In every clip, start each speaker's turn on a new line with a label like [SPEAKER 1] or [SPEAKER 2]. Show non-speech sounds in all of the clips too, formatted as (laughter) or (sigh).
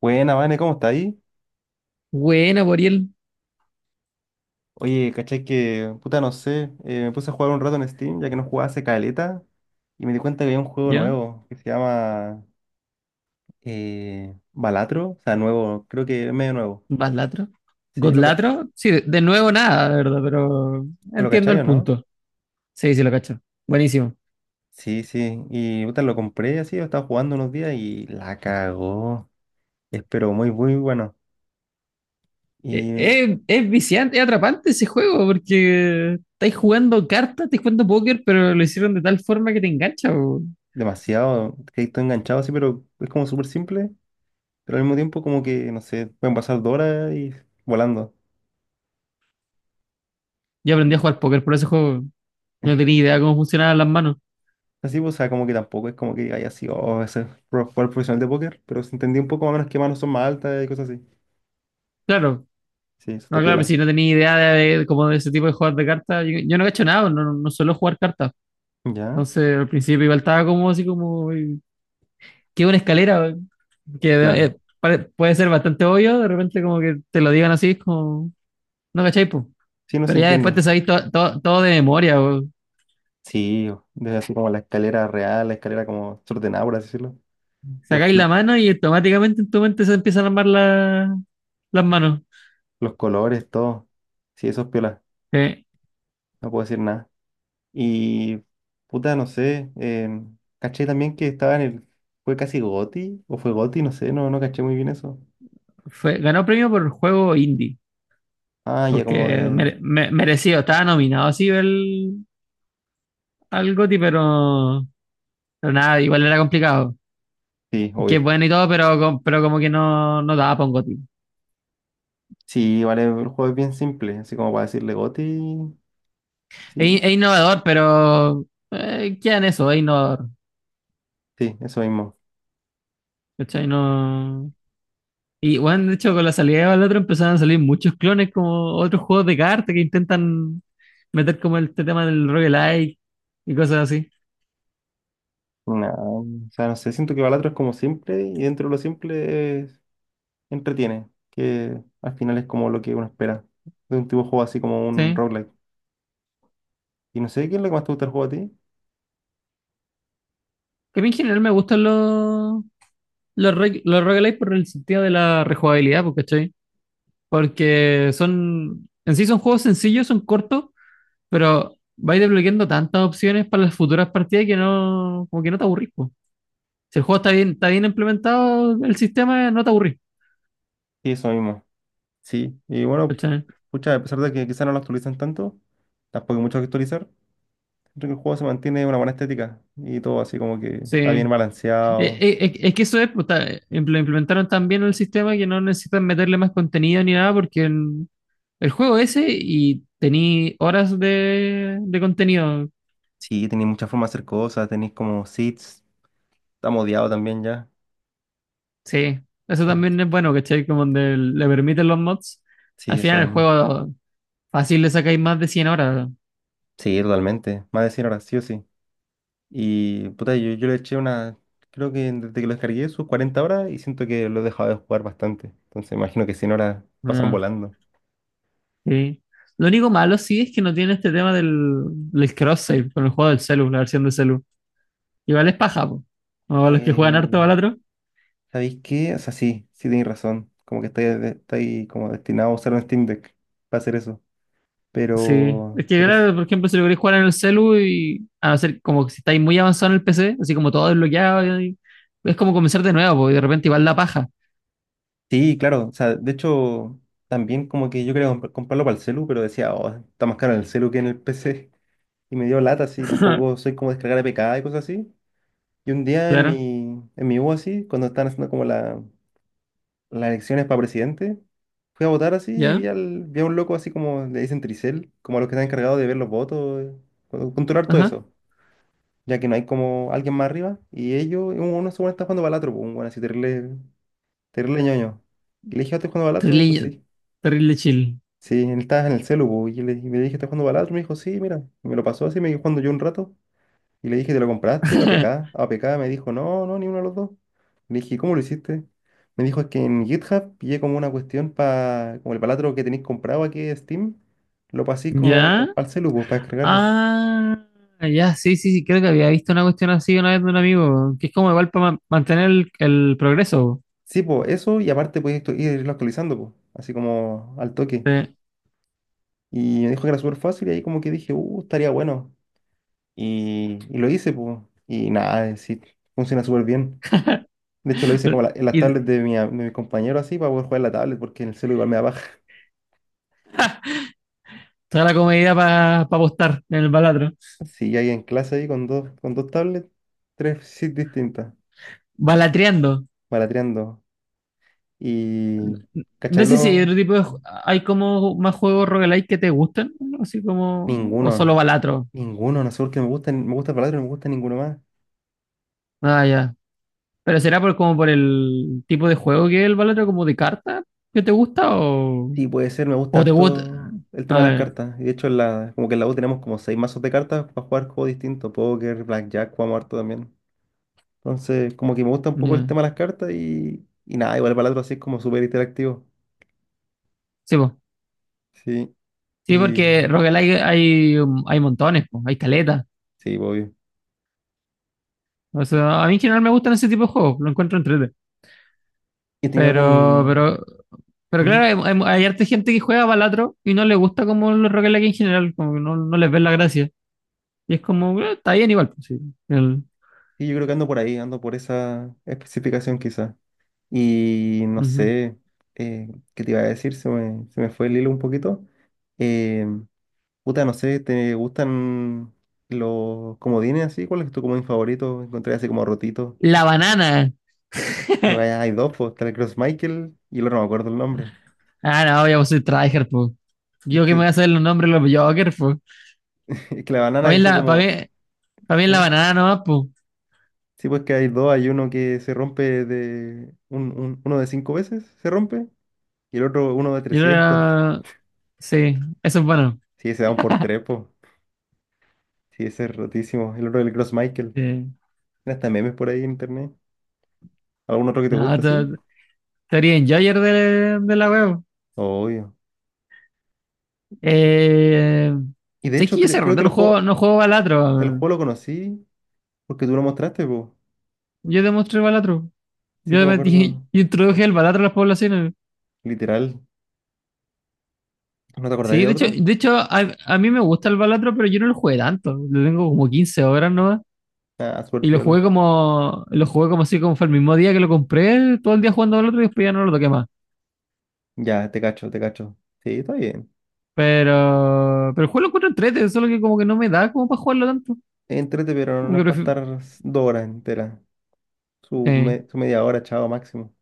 [SPEAKER 1] Buena, Vane, ¿cómo está ahí?
[SPEAKER 2] Buena, Boriel.
[SPEAKER 1] Oye, ¿cachai que, puta, no sé, me puse a jugar un rato en Steam, ya que no jugaba hace caleta, y me di cuenta que había un juego
[SPEAKER 2] ¿Ya?
[SPEAKER 1] nuevo que se llama Balatro, o sea, nuevo, creo que es medio nuevo.
[SPEAKER 2] ¿Vas latro?
[SPEAKER 1] ¿Sí?
[SPEAKER 2] ¿God latro? Sí, de nuevo nada, la verdad, pero
[SPEAKER 1] ¿Lo
[SPEAKER 2] entiendo
[SPEAKER 1] cachai
[SPEAKER 2] el
[SPEAKER 1] o no?
[SPEAKER 2] punto. Sí, sí, lo cacho. Buenísimo.
[SPEAKER 1] Sí, sí, y puta, lo compré así, lo estaba jugando unos días y la cagó. Es pero muy, muy bueno. Y
[SPEAKER 2] Es viciante, es atrapante ese juego, porque estáis jugando cartas, estáis jugando póker, pero lo hicieron de tal forma que te engancha. Bo.
[SPEAKER 1] demasiado, que estoy enganchado así, pero es como súper simple, pero al mismo tiempo como que, no sé, pueden pasar dos horas y volando.
[SPEAKER 2] Yo aprendí a jugar póker por ese juego. No tenía idea cómo funcionaban las manos.
[SPEAKER 1] Así, pues, o sea, como que tampoco es como que haya sido oh, jugador profesional de póker, pero se entendía un poco más o menos qué manos son más altas y cosas así.
[SPEAKER 2] Claro,
[SPEAKER 1] Sí, eso
[SPEAKER 2] no,
[SPEAKER 1] está
[SPEAKER 2] claro,
[SPEAKER 1] piola.
[SPEAKER 2] si no tenía idea como de ese tipo de juegos de cartas, yo no he hecho nada, no, no suelo jugar cartas.
[SPEAKER 1] ¿Ya?
[SPEAKER 2] Entonces al principio igual estaba como, que es una escalera que
[SPEAKER 1] Claro.
[SPEAKER 2] puede ser bastante obvio, de repente como que te lo digan así, es como, no cachai, po.
[SPEAKER 1] Sí, no se
[SPEAKER 2] Pero ya después te
[SPEAKER 1] entiendo.
[SPEAKER 2] sabéis todo de memoria, po.
[SPEAKER 1] Sí, desde así como la escalera real, la escalera como desordenada, por así decirlo. Los,
[SPEAKER 2] Sacáis
[SPEAKER 1] fl-
[SPEAKER 2] la mano y automáticamente en tu mente se empiezan a armar las manos.
[SPEAKER 1] los colores, todo. Sí, eso es piola.
[SPEAKER 2] Sí.
[SPEAKER 1] No puedo decir nada. Y puta, no sé. Caché también que estaba en el. ¿Fue casi Goti? ¿O fue Goti? No sé, no, no caché muy bien eso.
[SPEAKER 2] Fue, ganó premio por juego indie,
[SPEAKER 1] Ah, ya como
[SPEAKER 2] porque
[SPEAKER 1] de.
[SPEAKER 2] merecido, estaba nominado así el, al GOTY, pero nada, igual era complicado.
[SPEAKER 1] Sí,
[SPEAKER 2] Que es
[SPEAKER 1] obvio.
[SPEAKER 2] bueno y todo, pero, pero como que no, no daba para un GOTY.
[SPEAKER 1] Sí, vale, el juego es bien simple, así como para decirle Goti, sí,
[SPEAKER 2] Es innovador, pero queda en eso, es innovador.
[SPEAKER 1] sí, eso mismo.
[SPEAKER 2] ¿Cachai? No. Y bueno, de hecho, con la salida del otro empezaron a salir muchos clones como otros juegos de cartas que intentan meter como este tema del roguelike y cosas así.
[SPEAKER 1] No, o sea, no sé, siento que Balatro es como simple y dentro de lo simple entretiene, que al final es como lo que uno espera de un tipo de juego así como un
[SPEAKER 2] Sí.
[SPEAKER 1] roguelike. Y no sé, ¿qué es lo que más te gusta del juego a ti?
[SPEAKER 2] Que a mí en general me gustan los roguelike por el sentido de la rejugabilidad, pues, ¿cachai? Porque son, en sí son juegos sencillos, son cortos, pero vais desbloqueando tantas opciones para las futuras partidas que no, como que no te aburrís, pues. Si el juego está bien implementado, el sistema no te aburrís.
[SPEAKER 1] Sí, eso mismo, sí. Y bueno, pucha, a pesar de que quizás no lo actualizan tanto, tampoco hay mucho que actualizar, siento que el juego se mantiene una buena estética y todo así como que
[SPEAKER 2] Sí.
[SPEAKER 1] está bien balanceado.
[SPEAKER 2] Es que eso es, pues, implementaron tan bien el sistema que no necesitan meterle más contenido ni nada porque el juego ese y tení horas de contenido.
[SPEAKER 1] Sí, tenéis muchas formas de hacer cosas, tenéis como seeds, está modiado también ya.
[SPEAKER 2] Sí, eso
[SPEAKER 1] En-
[SPEAKER 2] también es bueno, ¿cachai? Como donde le permiten los mods. Al
[SPEAKER 1] Sí, eso
[SPEAKER 2] final el
[SPEAKER 1] mismo.
[SPEAKER 2] juego fácil le sacáis más de 100 horas.
[SPEAKER 1] Sí, totalmente. Más de cien horas sí o sí. Y puta, yo le eché una. Creo que desde que lo descargué sus 40 horas y siento que lo he dejado de jugar bastante. Entonces imagino que 100 horas pasan
[SPEAKER 2] Ah,
[SPEAKER 1] volando.
[SPEAKER 2] sí. Lo único malo sí es que no tiene este tema del cross-save con el juego del celu, la versión de celu. Igual es paja, po. O los que juegan harto
[SPEAKER 1] Eh,
[SPEAKER 2] balatro.
[SPEAKER 1] ¿Sabéis qué? O sea, sí, sí tenéis razón. Como que estáis, estáis como destinado a usar un Steam Deck para hacer eso.
[SPEAKER 2] Sí. Es
[SPEAKER 1] Pero,
[SPEAKER 2] que,
[SPEAKER 1] pero sí.
[SPEAKER 2] claro, por ejemplo, si lo queréis jugar en el celu y a no ser como que si estáis muy avanzado en el PC, así como todo desbloqueado, es como comenzar de nuevo, po, y de repente igual la paja.
[SPEAKER 1] Sí, claro. O sea, de hecho, también como que yo quería comprarlo para el celu, pero decía, oh, está más caro en el celu que en el PC. Y me dio lata así, tampoco
[SPEAKER 2] (laughs)
[SPEAKER 1] soy como descargar APK y cosas así. Y un día en mi,
[SPEAKER 2] Claro.
[SPEAKER 1] en mi U así, cuando estaban haciendo como las elecciones para presidente, fui a votar así y vi,
[SPEAKER 2] ¿Ya?
[SPEAKER 1] al, vi a un loco así como le dicen tricel, como a los que están encargados de ver los votos, controlar todo
[SPEAKER 2] Ajá.
[SPEAKER 1] eso, ya que no hay como alguien más arriba. Y ellos, uno según está jugando balatro, pues, un bueno, así terrible, terrible ñoño. Y le dije, "Ah, ¿estás jugando balatro? Me dijo,
[SPEAKER 2] Terrible,
[SPEAKER 1] sí.
[SPEAKER 2] terrible chill.
[SPEAKER 1] Sí, él estaba en el celu, pues, y, yo le, y le dije, ¿estás jugando balatro? Me dijo, sí, mira. Y me lo pasó así, me quedé jugando yo un rato. Y le dije, ¿te lo compraste?
[SPEAKER 2] (laughs)
[SPEAKER 1] APK. APK me dijo, no, no, ni uno de los dos. Le dije, ¿cómo lo hiciste? Me dijo, es que en GitHub pillé como una cuestión para, como el palatro que tenéis comprado aquí de Steam, lo paséis como
[SPEAKER 2] ¿Ya?
[SPEAKER 1] al celu, pues, para descargarlo.
[SPEAKER 2] Ah, ya, sí, sí, sí, creo que había visto una cuestión así una vez de un amigo, que es como igual para mantener el progreso.
[SPEAKER 1] Sí, pues, eso, y aparte podéis irlo actualizando, pues, así como al toque.
[SPEAKER 2] Po.
[SPEAKER 1] Y me dijo que era súper fácil, y ahí como que dije, estaría bueno. Y lo hice, pues, y nada, sí, funciona súper bien. De hecho, lo hice como
[SPEAKER 2] Sí.
[SPEAKER 1] en las tablets
[SPEAKER 2] Y
[SPEAKER 1] de de mi compañero, así, para poder jugar en la tablet, porque en el celu igual me da paja.
[SPEAKER 2] te da la comodidad para apostar en el balatro.
[SPEAKER 1] Sí, hay en clase ahí con dos tablets, tres sit distintas,
[SPEAKER 2] Balatreando.
[SPEAKER 1] malatreando. Y,
[SPEAKER 2] No
[SPEAKER 1] ¿cachai?
[SPEAKER 2] sé si hay
[SPEAKER 1] Los,
[SPEAKER 2] otro tipo de. ¿Hay como más juegos roguelike que te gusten así como? O solo
[SPEAKER 1] ninguno,
[SPEAKER 2] Balatro.
[SPEAKER 1] ninguno, no sé por qué me gusta el Balatro, no me gusta ninguno más.
[SPEAKER 2] Ah, ya. Pero será por como por el tipo de juego que es el Balatro, como de carta que te gusta o.
[SPEAKER 1] Sí, puede ser, me gusta
[SPEAKER 2] O te gusta.
[SPEAKER 1] harto el tema de las
[SPEAKER 2] Ah,
[SPEAKER 1] cartas. Y de hecho, en la, como que en la U tenemos como seis mazos de cartas para jugar juegos distintos, póker, blackjack, jugamos harto también. Entonces, como que me gusta un
[SPEAKER 2] ya.
[SPEAKER 1] poco el
[SPEAKER 2] Ya.
[SPEAKER 1] tema de las cartas y nada, igual el Balatro así es como súper interactivo.
[SPEAKER 2] Sí, po.
[SPEAKER 1] Sí,
[SPEAKER 2] Sí,
[SPEAKER 1] y
[SPEAKER 2] porque roguelike hay, hay montones, po. Hay caletas.
[SPEAKER 1] sí, obvio.
[SPEAKER 2] O sea, a mí en general me gustan ese tipo de juegos, lo encuentro entrete.
[SPEAKER 1] ¿Y tenía
[SPEAKER 2] Pero,
[SPEAKER 1] algún...
[SPEAKER 2] pero, pero
[SPEAKER 1] ¿Mm?
[SPEAKER 2] claro, hay harta gente que juega Balatro y no le gusta como los roguelike en general, como que no, no les ven la gracia. Y es como, está bien igual, pues, sí. El-
[SPEAKER 1] Sí, yo creo que ando por ahí, ando por esa especificación quizá. Y no
[SPEAKER 2] ujú.
[SPEAKER 1] sé, eh, ¿qué te iba a decir? Se me fue el hilo un poquito. Eh, Puta, no sé, ¿te gustan los comodines así? ¿Cuál es tu comodín favorito? Encontré así como rotito.
[SPEAKER 2] La banana.
[SPEAKER 1] Creo
[SPEAKER 2] (laughs)
[SPEAKER 1] que hay dos, pues, está el Cross Michael y el otro no me acuerdo el nombre.
[SPEAKER 2] Ah, no, yo soy tryhard, po.
[SPEAKER 1] Es
[SPEAKER 2] Yo que me voy
[SPEAKER 1] que,
[SPEAKER 2] a saber los nombres de los Jokers, po.
[SPEAKER 1] (laughs) es que la banana
[SPEAKER 2] Para mí,
[SPEAKER 1] así como...
[SPEAKER 2] pa' mí la
[SPEAKER 1] ¿eh?
[SPEAKER 2] banana nomás, po.
[SPEAKER 1] Sí, pues que hay dos, hay uno que se rompe de... Uno de cinco veces se rompe y el otro uno de
[SPEAKER 2] Yo
[SPEAKER 1] 300. (laughs)
[SPEAKER 2] era. Sí, eso es bueno.
[SPEAKER 1] Sí, se dan por trepo. Sí, ese es rotísimo. El otro del Cross Michael.
[SPEAKER 2] Sí.
[SPEAKER 1] Tiene hasta memes por ahí en internet. ¿Algún otro que te
[SPEAKER 2] No,
[SPEAKER 1] gusta, sí?
[SPEAKER 2] teoría enjoyer de la web.
[SPEAKER 1] Obvio.
[SPEAKER 2] Eh,
[SPEAKER 1] Y de
[SPEAKER 2] ¿Sabes
[SPEAKER 1] hecho,
[SPEAKER 2] que yo hace
[SPEAKER 1] creo
[SPEAKER 2] rato
[SPEAKER 1] que
[SPEAKER 2] no juego balatro?
[SPEAKER 1] el juego
[SPEAKER 2] Weón.
[SPEAKER 1] lo conocí porque tú lo mostraste, po.
[SPEAKER 2] Yo demostré balatro.
[SPEAKER 1] Sí,
[SPEAKER 2] Yo,
[SPEAKER 1] pues me acuerdo.
[SPEAKER 2] (laughs) introduje el balatro a las poblaciones.
[SPEAKER 1] Literal. ¿No te acordáis
[SPEAKER 2] Sí,
[SPEAKER 1] de
[SPEAKER 2] de hecho,
[SPEAKER 1] otro?
[SPEAKER 2] de hecho a mí me gusta el Balatro, pero yo no lo jugué tanto. Lo tengo como 15 horas nomás.
[SPEAKER 1] Ah, super
[SPEAKER 2] Y
[SPEAKER 1] piola.
[SPEAKER 2] lo jugué como así, como fue el mismo día que lo compré, todo el día jugando Balatro y después ya no lo toqué más.
[SPEAKER 1] Ya, te cacho, te cacho. Sí, está bien.
[SPEAKER 2] Pero el juego lo encuentro entrete, solo que como que no me da como para jugarlo tanto.
[SPEAKER 1] Entrete, pero
[SPEAKER 2] Como
[SPEAKER 1] no
[SPEAKER 2] que
[SPEAKER 1] es para
[SPEAKER 2] prefiero-
[SPEAKER 1] estar dos horas enteras.
[SPEAKER 2] eh,
[SPEAKER 1] Su media hora, chao, máximo.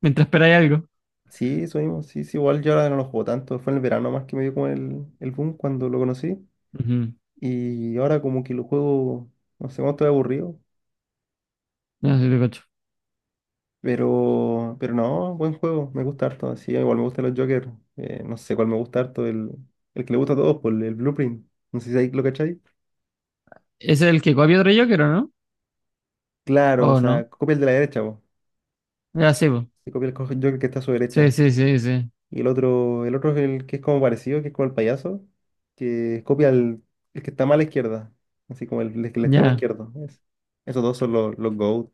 [SPEAKER 2] mientras esperáis algo.
[SPEAKER 1] Sí, eso mismo. Sí, sí, igual yo ahora no lo juego tanto. Fue en el verano más que me dio como el boom cuando lo conocí.
[SPEAKER 2] Ujú.
[SPEAKER 1] Y ahora como que lo juego, no sé cómo estoy aburrido,
[SPEAKER 2] No, sí te cacho.
[SPEAKER 1] pero no, buen juego, me gusta harto. Sí, igual me gustan los Joker, no sé cuál me gusta harto, el que le gusta a todos, por el Blueprint. No sé si ahí lo cachai.
[SPEAKER 2] Ese es el que copia otro Joker, ¿o no?
[SPEAKER 1] Claro, o
[SPEAKER 2] ¿O
[SPEAKER 1] sea,
[SPEAKER 2] no?
[SPEAKER 1] copia el de la derecha, vos.
[SPEAKER 2] Ya sí, po.
[SPEAKER 1] Se copia el Joker que está a su
[SPEAKER 2] Sí,
[SPEAKER 1] derecha.
[SPEAKER 2] sí, sí, sí.
[SPEAKER 1] Y el otro es el que es como parecido, que es como el payaso, que copia el que está más a la izquierda, así como el extremo
[SPEAKER 2] Ya.
[SPEAKER 1] izquierdo. Esos dos son los GOAT.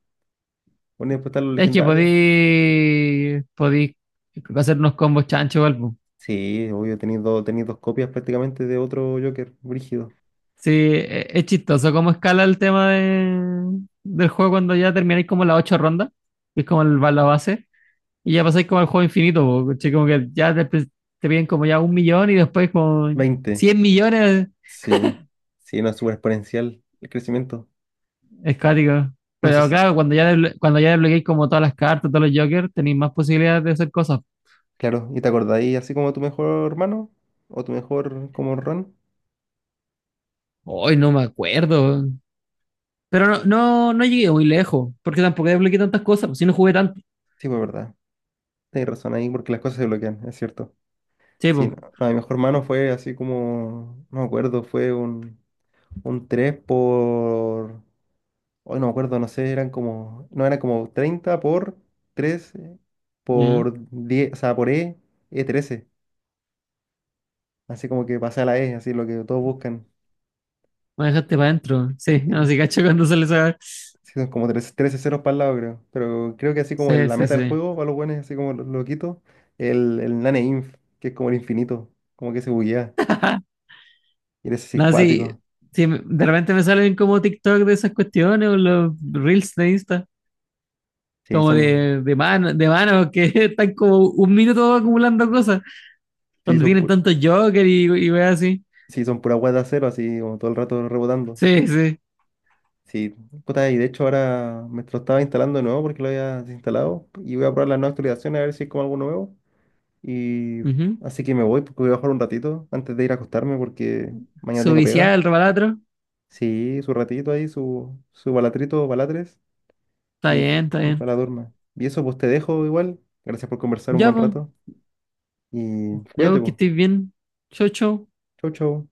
[SPEAKER 1] Bueno, y después están los
[SPEAKER 2] Es que
[SPEAKER 1] legendarios.
[SPEAKER 2] podí hacer unos combos chancho, igual.
[SPEAKER 1] Sí, obvio, tenéis dos copias prácticamente de otro Joker, brígido.
[SPEAKER 2] Sí, es chistoso cómo escala el tema del juego cuando ya termináis como las 8 rondas, que es como el, va la base, y ya pasáis como al juego infinito, po, ¿cachai? Como que ya te, te piden como ya 1 millón y después como
[SPEAKER 1] Veinte,
[SPEAKER 2] 100 millones,
[SPEAKER 1] sí. Sí, no es súper exponencial el crecimiento.
[SPEAKER 2] es cuático.
[SPEAKER 1] No sé
[SPEAKER 2] Pero
[SPEAKER 1] si.
[SPEAKER 2] claro, cuando ya, cuando ya desbloqueáis como todas las cartas, todos los jokers, tenéis más posibilidades de hacer cosas.
[SPEAKER 1] Claro, ¿y te acordáis así como tu mejor hermano? ¿O tu mejor como Ron?
[SPEAKER 2] Hoy no me acuerdo. Pero no, no, no llegué muy lejos, porque tampoco desbloqueé tantas cosas, pues si no jugué tanto.
[SPEAKER 1] Sí, fue verdad. Tenéis razón ahí porque las cosas se bloquean, es cierto.
[SPEAKER 2] Sí,
[SPEAKER 1] Sí,
[SPEAKER 2] pues.
[SPEAKER 1] no, no, mi mejor hermano fue así como. No me acuerdo, fue un 3 por. Hoy no me acuerdo, no sé, eran como, no, eran como 30 por 3
[SPEAKER 2] Ya,
[SPEAKER 1] por 10 o sea, por E, e trece. Así como que pasé a la E, así lo que todos buscan.
[SPEAKER 2] me dejaste para adentro. Sí,
[SPEAKER 1] Y
[SPEAKER 2] así cacho cuando sale esa.
[SPEAKER 1] sí, son como 13, 13 ceros para el lado, creo. Pero creo que así como
[SPEAKER 2] Sí,
[SPEAKER 1] la
[SPEAKER 2] sí,
[SPEAKER 1] meta del
[SPEAKER 2] sí.
[SPEAKER 1] juego, para los buenos, así como lo quito, el nane inf, que es como el infinito, como que se buguea. Y eres así
[SPEAKER 2] No, sí,
[SPEAKER 1] cuático.
[SPEAKER 2] sí, de repente me salen como TikTok de esas cuestiones o los reels de Insta,
[SPEAKER 1] Sí,
[SPEAKER 2] como
[SPEAKER 1] son,
[SPEAKER 2] de mano, que (laughs) están como 1 minuto acumulando cosas,
[SPEAKER 1] sí,
[SPEAKER 2] donde tienen tantos Joker y weas así.
[SPEAKER 1] sí, son pura guata cero, así como todo el rato rebotando.
[SPEAKER 2] Sí, sí.
[SPEAKER 1] Sí, puta, y de hecho ahora me lo estaba instalando de nuevo porque lo había desinstalado y voy a probar las nuevas actualizaciones a ver si es como algo nuevo. Y
[SPEAKER 2] Ujú.
[SPEAKER 1] así que me voy porque voy a bajar un ratito antes de ir a acostarme porque mañana
[SPEAKER 2] Su
[SPEAKER 1] tengo
[SPEAKER 2] viciada,
[SPEAKER 1] pega.
[SPEAKER 2] el rebalatro.
[SPEAKER 1] Sí, su ratito ahí, su balatrito, balatres
[SPEAKER 2] Está
[SPEAKER 1] y,
[SPEAKER 2] bien, está
[SPEAKER 1] y
[SPEAKER 2] bien.
[SPEAKER 1] para la durma. Y eso pues te dejo igual. Gracias por conversar un
[SPEAKER 2] Ya,
[SPEAKER 1] buen
[SPEAKER 2] pues,
[SPEAKER 1] rato y
[SPEAKER 2] ya,
[SPEAKER 1] cuídate
[SPEAKER 2] pues, que
[SPEAKER 1] pues.
[SPEAKER 2] estés bien. Chau, chau.
[SPEAKER 1] Chau, chau.